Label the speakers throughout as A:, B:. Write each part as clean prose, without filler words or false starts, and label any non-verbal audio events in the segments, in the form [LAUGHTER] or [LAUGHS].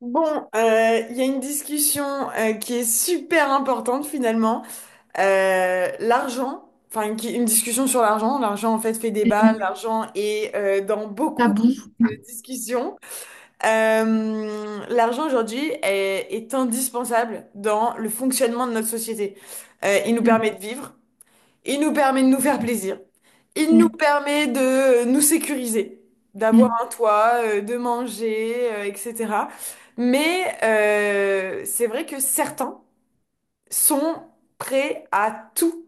A: Il y a une discussion qui est super importante finalement. Une discussion sur l'argent. L'argent en fait fait débat.
B: Mhm.
A: L'argent est dans beaucoup
B: Tabou.
A: de discussions. L'argent aujourd'hui est indispensable dans le fonctionnement de notre société. Il nous permet
B: Mhm.
A: de vivre. Il nous permet de nous faire plaisir. Il nous permet de nous sécuriser, d'avoir
B: Mhm.
A: un toit, de manger, etc. Mais c'est vrai que certains sont prêts à tout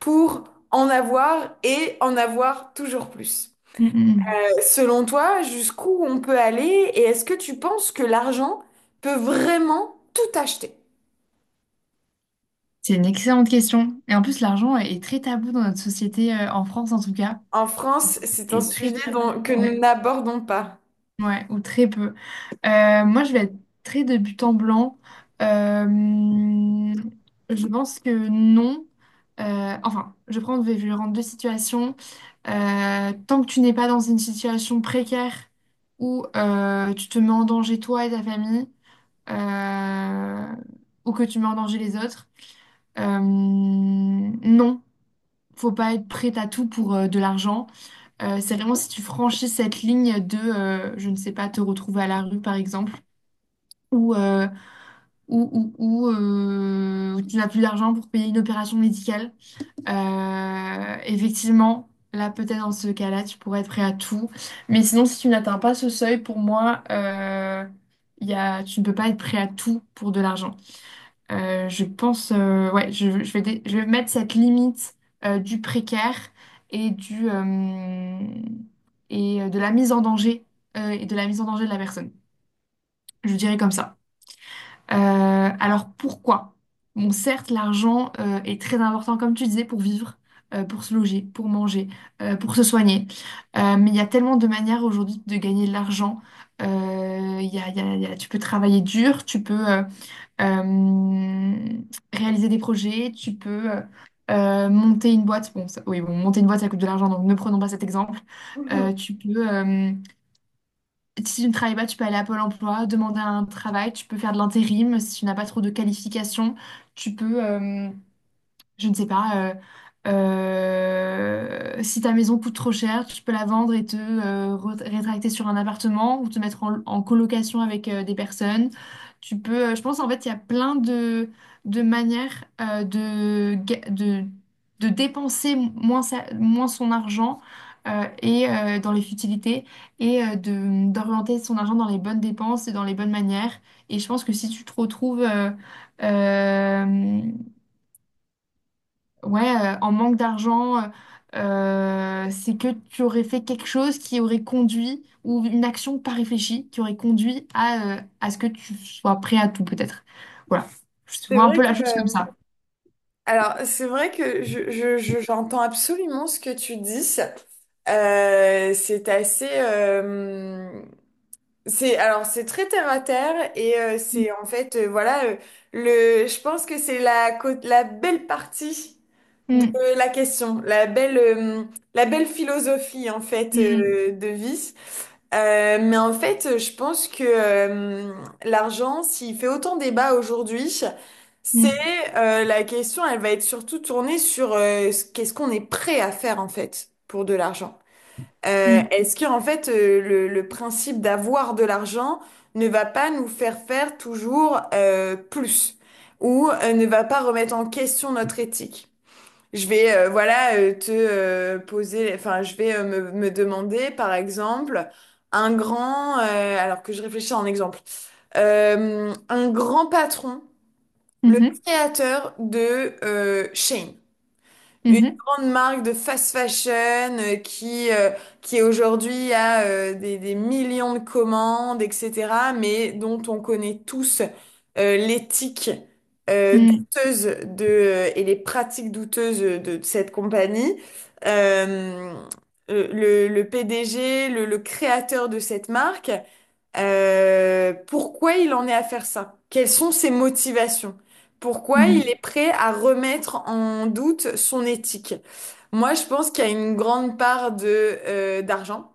A: pour en avoir et en avoir toujours plus.
B: Mhm. Mhm.
A: Selon toi, jusqu'où on peut aller et est-ce que tu penses que l'argent peut vraiment tout acheter?
B: C'est une excellente question. Et en plus, l'argent est très tabou dans notre société, en France en tout cas.
A: En France, c'est un
B: Est très
A: sujet
B: tabou.
A: que
B: Ouais.
A: nous n'abordons pas. [LAUGHS]
B: Ouais, ou très peu. Moi, je vais être très débutant blanc. Euh, je pense que non. Enfin, je prends, je vais rendre deux situations. Tant que tu n'es pas dans une situation précaire où tu te mets en danger toi et ta famille, euh, ou que tu mets en danger les autres. Non, faut pas être prête à tout pour de l'argent. C'est vraiment si tu franchis cette ligne de, je ne sais pas, te retrouver à la rue par exemple, ou euh, où tu n'as plus d'argent pour payer une opération médicale. Effectivement. Là, peut-être dans ce cas-là, tu pourrais être prêt à tout. Mais sinon, si tu n'atteins pas ce seuil, pour moi, il y a, tu ne peux pas être prêt à tout pour de l'argent. Je pense, ouais, je vais mettre cette limite du précaire et du et de la mise en danger et de la mise en danger de la personne. Je dirais comme ça. Euh, alors pourquoi? Bon, certes, l'argent est très important, comme tu disais, pour vivre, pour se loger, pour manger, pour se soigner. Mais il y a tellement de manières aujourd'hui de gagner de l'argent. Il y a, tu peux travailler dur, tu peux euh, réaliser des projets, tu peux monter une boîte. Bon, ça- oui, bon, monter une boîte, ça coûte de l'argent, donc ne prenons pas cet exemple.
A: Mhm.
B: Tu peux, si tu ne travailles pas, tu peux aller à Pôle Emploi, demander un travail, tu peux faire de l'intérim si tu n'as pas trop de qualifications, tu peux. Je ne sais pas. Si ta maison coûte trop cher, tu peux la vendre et te rétracter sur un appartement ou te mettre en, en colocation avec des personnes. Tu peux, je pense en fait, il y a plein de manières de dépenser moins, moins son argent et dans les futilités et d'orienter son argent dans les bonnes dépenses et dans les bonnes manières. Et je pense que si tu te retrouves, euh, ouais, en manque d'argent, c'est que tu aurais fait quelque chose qui aurait conduit, ou une action pas réfléchie, qui aurait conduit à ce que tu sois prêt à tout, peut-être. Voilà. Je
A: C'est
B: vois un
A: vrai
B: peu
A: que
B: la chose comme ça.
A: Alors, c'est vrai que j'entends absolument ce que tu dis. C'est assez, c'est très terre à terre et
B: Mm,
A: c'est en fait le, je pense que c'est la belle partie de la question, la belle philosophie en fait
B: mm,
A: de vie. Mais je pense que l'argent, s'il fait autant débat aujourd'hui, c'est
B: mm,
A: la question, elle va être surtout tournée sur qu'est-ce qu'on est prêt à faire en fait pour de l'argent.
B: mm,
A: Est-ce que en fait le principe d'avoir de l'argent ne va pas nous faire faire toujours plus ou ne va pas remettre en question notre éthique? Je vais voilà te poser, enfin Je vais me demander par exemple alors que je réfléchis en exemple, un grand patron, le
B: mm,
A: créateur de Shane. Une
B: mhm,
A: grande marque de fast fashion euh, qui, euh, qui aujourd'hui a des millions de commandes, etc., mais dont on connaît tous l'éthique
B: mhm, mm,
A: douteuse et les pratiques douteuses de cette compagnie. Euh, le PDG, le créateur de cette marque. Pourquoi il en est à faire ça? Quelles sont ses motivations? Pourquoi il
B: mm,
A: est prêt à remettre en doute son éthique? Moi, je pense qu'il y a une grande part d'argent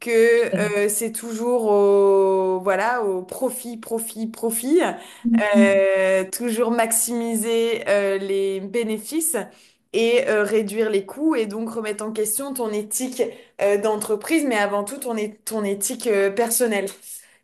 A: que
B: tout à fait.
A: euh, c'est toujours au voilà, au profit, profit, profit,
B: Mm, mm,
A: toujours maximiser les bénéfices et réduire les coûts et donc remettre en question ton éthique d'entreprise, mais avant tout ton éthique personnelle.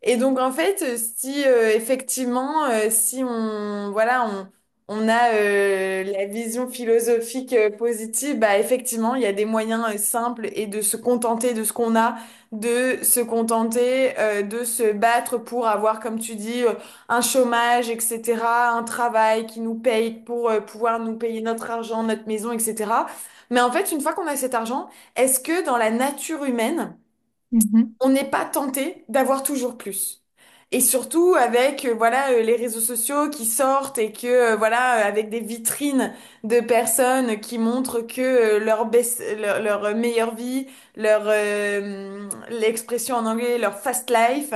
A: Et donc en fait, si effectivement, si on voilà, on a la vision philosophique positive, bah effectivement, il y a des moyens simples et de se contenter de ce qu'on a de se contenter de se battre pour avoir, comme tu dis, un chômage, etc., un travail qui nous paye pour pouvoir nous payer notre argent, notre maison, etc. Mais en fait, une fois qu'on a cet argent, est-ce que dans la nature humaine,
B: mhm,
A: on n'est pas tenté d'avoir toujours plus. Et surtout avec les réseaux sociaux qui sortent et que avec des vitrines de personnes qui montrent que leur, best- leur leur, meilleure vie, leur l'expression en anglais, leur fast life.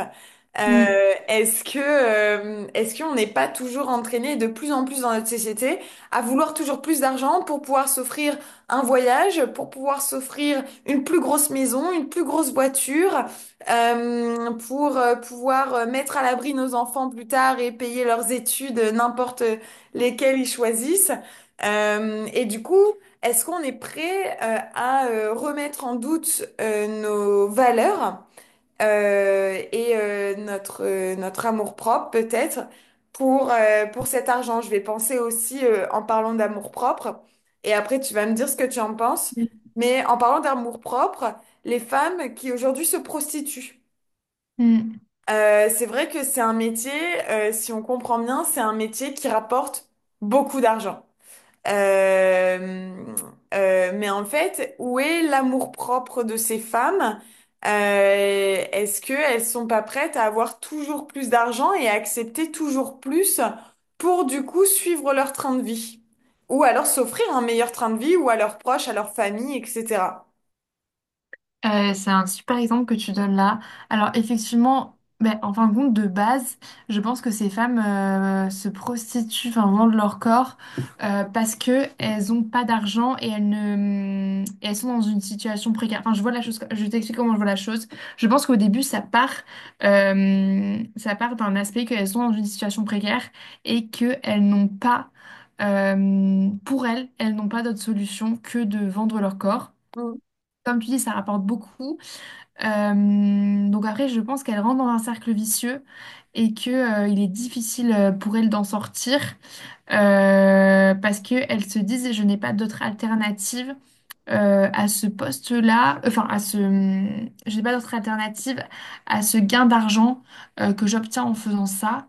A: euh,
B: mm,
A: Est-ce que est-ce qu'on n'est pas toujours entraîné de plus en plus dans notre société à vouloir toujours plus d'argent pour pouvoir s'offrir un voyage, pour pouvoir s'offrir une plus grosse maison, une plus grosse voiture, pour pouvoir mettre à l'abri nos enfants plus tard et payer leurs études, n'importe lesquelles ils choisissent. Et du coup, est-ce qu'on est prêt à remettre en doute nos valeurs et notre amour-propre peut-être pour cet argent? Je vais penser aussi en parlant d'amour-propre et après tu vas me dire ce que tu en penses.
B: mm,
A: Mais en parlant d'amour-propre, les femmes qui aujourd'hui se prostituent.
B: mm.
A: C'est vrai que c'est un métier, si on comprend bien, c'est un métier qui rapporte beaucoup d'argent. Euh, mais où est l'amour-propre de ces femmes? Est-ce qu'elles sont pas prêtes à avoir toujours plus d'argent et à accepter toujours plus pour du coup suivre leur train de vie? Ou alors s'offrir un meilleur train de vie ou à leurs proches, à leur famille, etc.
B: C'est un super exemple que tu donnes là. Alors effectivement, ben, en fin de compte, de base, je pense que ces femmes se prostituent, enfin vendent leur corps parce que elles ont pas d'argent et elles ne, et elles sont dans une situation précaire. Enfin, je vois la chose, je t'explique comment je vois la chose. Je pense qu'au début, ça part d'un aspect qu'elles sont dans une situation précaire et qu'elles n'ont pas, pour elles, elles n'ont pas d'autre solution que de vendre leur corps. Comme tu dis, ça rapporte beaucoup. Donc après, je pense qu'elle rentre dans un cercle vicieux et que, il est difficile pour elle d'en sortir parce qu'elle se dit, je n'ai pas d'autre alternative à ce poste-là, enfin à ce, je n'ai pas d'autre alternative à ce gain d'argent que j'obtiens en faisant ça.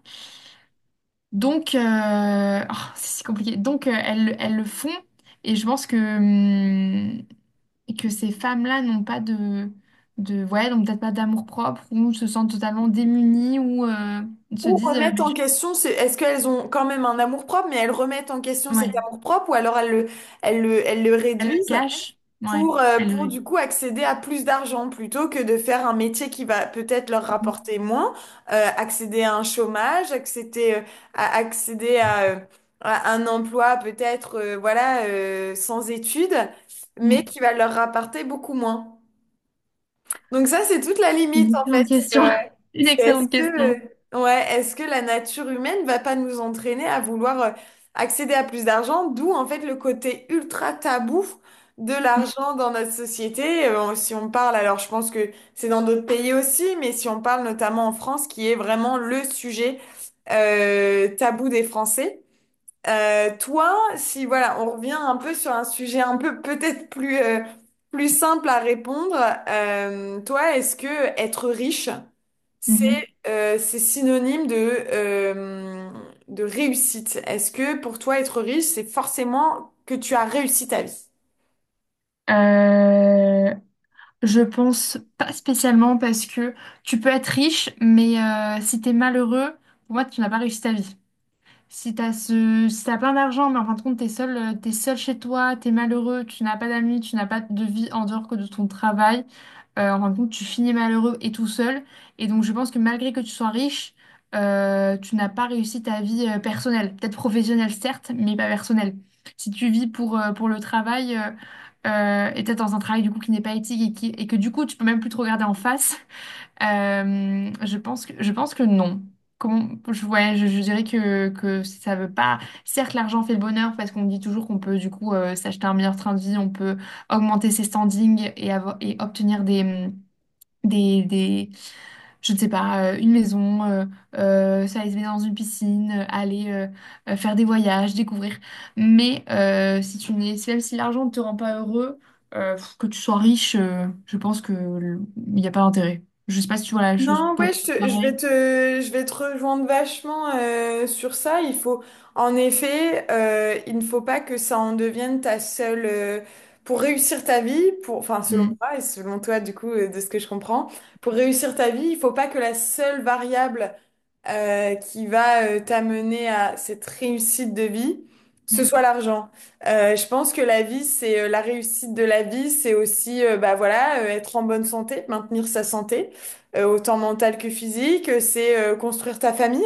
B: Donc, oh, c'est si compliqué. Donc, elles, elles le font et je pense que, et que ces femmes-là n'ont pas de, de ouais, donc peut-être pas d'amour-propre ou se sentent totalement démunies ou se
A: Ou
B: disent
A: remettent
B: mais
A: en
B: je-
A: question, est-ce qu'elles ont quand même un amour-propre, mais elles remettent en question cet
B: ouais,
A: amour-propre, ou alors elles le
B: elles le
A: réduisent
B: cachent. Ouais, elles
A: pour
B: le-
A: du coup accéder à plus d'argent, plutôt que de faire un métier qui va peut-être leur rapporter moins, accéder à un chômage, accéder à un emploi peut-être sans études, mais
B: Mm.
A: qui va leur rapporter beaucoup moins. Donc ça, c'est toute la
B: C'est une
A: limite en fait.
B: excellente question. [LAUGHS] Une
A: C'est est-ce
B: excellente
A: que,
B: question.
A: ouais, est-ce que la nature humaine va pas nous entraîner à vouloir accéder à plus d'argent, d'où en fait le côté ultra tabou de
B: Mm.
A: l'argent dans notre société. Si on parle, alors je pense que c'est dans d'autres pays aussi, mais si on parle notamment en France, qui est vraiment le sujet tabou des Français. Toi, si voilà, on revient un peu sur un sujet un peu peut-être plus plus simple à répondre. Toi, est-ce que être riche, c'est
B: Mhm.
A: c'est synonyme euh, de réussite? Est-ce que pour toi, être riche, c'est forcément que tu as réussi ta vie?
B: Euh, je pense pas spécialement parce que tu peux être riche, mais si t'es malheureux, pour moi, tu n'as pas réussi ta vie. Si t'as plein d'argent, mais en fin de compte, t'es seul chez toi, t'es malheureux, tu n'as pas d'amis, tu n'as pas de vie en dehors que de ton travail, en fin de compte, tu finis malheureux et tout seul. Et donc, je pense que malgré que tu sois riche, tu n'as pas réussi ta vie personnelle. Peut-être professionnelle, certes, mais pas personnelle. Si tu vis pour le travail, et peut-être dans un travail du coup qui n'est pas éthique et, qui- et que du coup, tu peux même plus te regarder en face, je pense que, non. Comment, je, ouais, je dirais que ça veut pas. Certes, l'argent fait le bonheur parce qu'on dit toujours qu'on peut du coup s'acheter un meilleur train de vie, on peut augmenter ses standings et, avoir, et obtenir des, des, je ne sais pas, une maison, s'aller se baigner dans une piscine, aller faire des voyages, découvrir. Mais si tu n'es, si- même si l'argent ne te rend pas heureux, que tu sois riche, je pense que le- il n'y a pas d'intérêt. Je ne sais pas si tu vois la chose
A: Non, ouais, je, te- je vais
B: pareil.
A: te, je vais te rejoindre vachement sur ça. Il faut, en effet, il ne faut pas que ça en devienne ta seule, pour réussir ta vie, pour, enfin, selon
B: Mm,
A: moi et selon toi, du coup, de ce que je comprends, pour réussir ta vie, il faut pas que la seule variable qui va t'amener à cette réussite de vie, ce
B: mm,
A: soit l'argent. Je pense que la vie, c'est la réussite de la vie, c'est aussi bah voilà, être en bonne santé, maintenir sa santé, autant mentale que physique, c'est construire ta famille.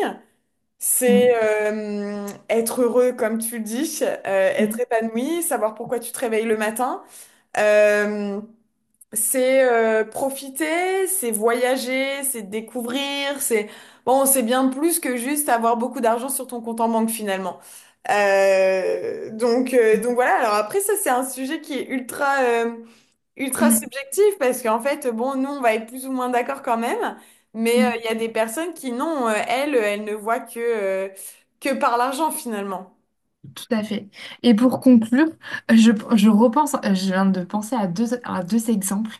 A: C'est
B: mm,
A: euh, être heureux, comme tu le dis, être
B: mm,
A: épanoui, savoir pourquoi tu te réveilles le matin. Euh, c'est profiter, c'est voyager, c'est découvrir, c'est bon, c'est bien plus que juste avoir beaucoup d'argent sur ton compte en banque finalement. Donc voilà. Alors après ça c'est un sujet qui est ultra ultra
B: mm,
A: subjectif parce qu'en fait bon nous on va être plus ou moins d'accord quand même, mais il
B: mm.
A: y a des personnes qui non elles ne voient que par l'argent finalement.
B: Tout à fait. Et pour conclure, je viens de penser à deux exemples.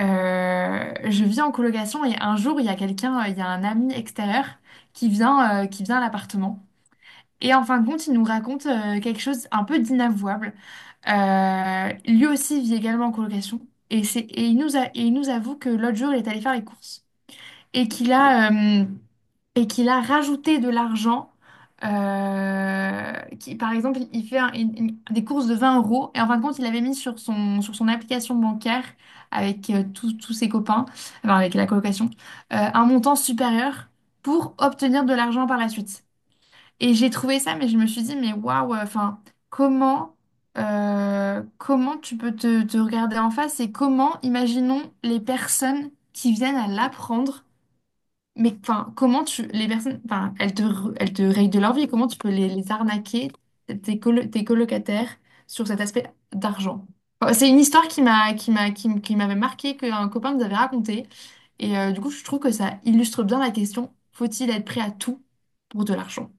B: Je vis en colocation et un jour, il y a quelqu'un, il y a un ami extérieur qui vient à l'appartement. Et en fin de compte, il nous raconte quelque chose un peu d'inavouable. Lui aussi vit également en colocation. Et, c'est, et, il nous a, et il nous avoue que l'autre jour, il est allé faire les courses. Et qu'il a, euh, et qu'il a rajouté de l'argent. euh, qui, par exemple, il fait des courses de 20 € et en fin de compte, il avait mis sur son application bancaire avec tous ses copains, enfin avec la colocation, un montant supérieur pour obtenir de l'argent par la suite. Et j'ai trouvé ça, mais je me suis dit, mais waouh, enfin, comment, comment tu peux te regarder en face et comment, imaginons les personnes qui viennent à l'apprendre mais enfin, comment tu les personnes, enfin, elles te rayent de leur vie. Comment tu peux les arnaquer tes colocataires sur cet aspect d'argent? Enfin, c'est une histoire qui m'avait marqué qu'un copain nous avait raconté et du coup je trouve que ça illustre bien la question. Faut-il être prêt à tout pour de l'argent?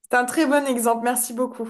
A: C'est un très bon exemple. Merci beaucoup.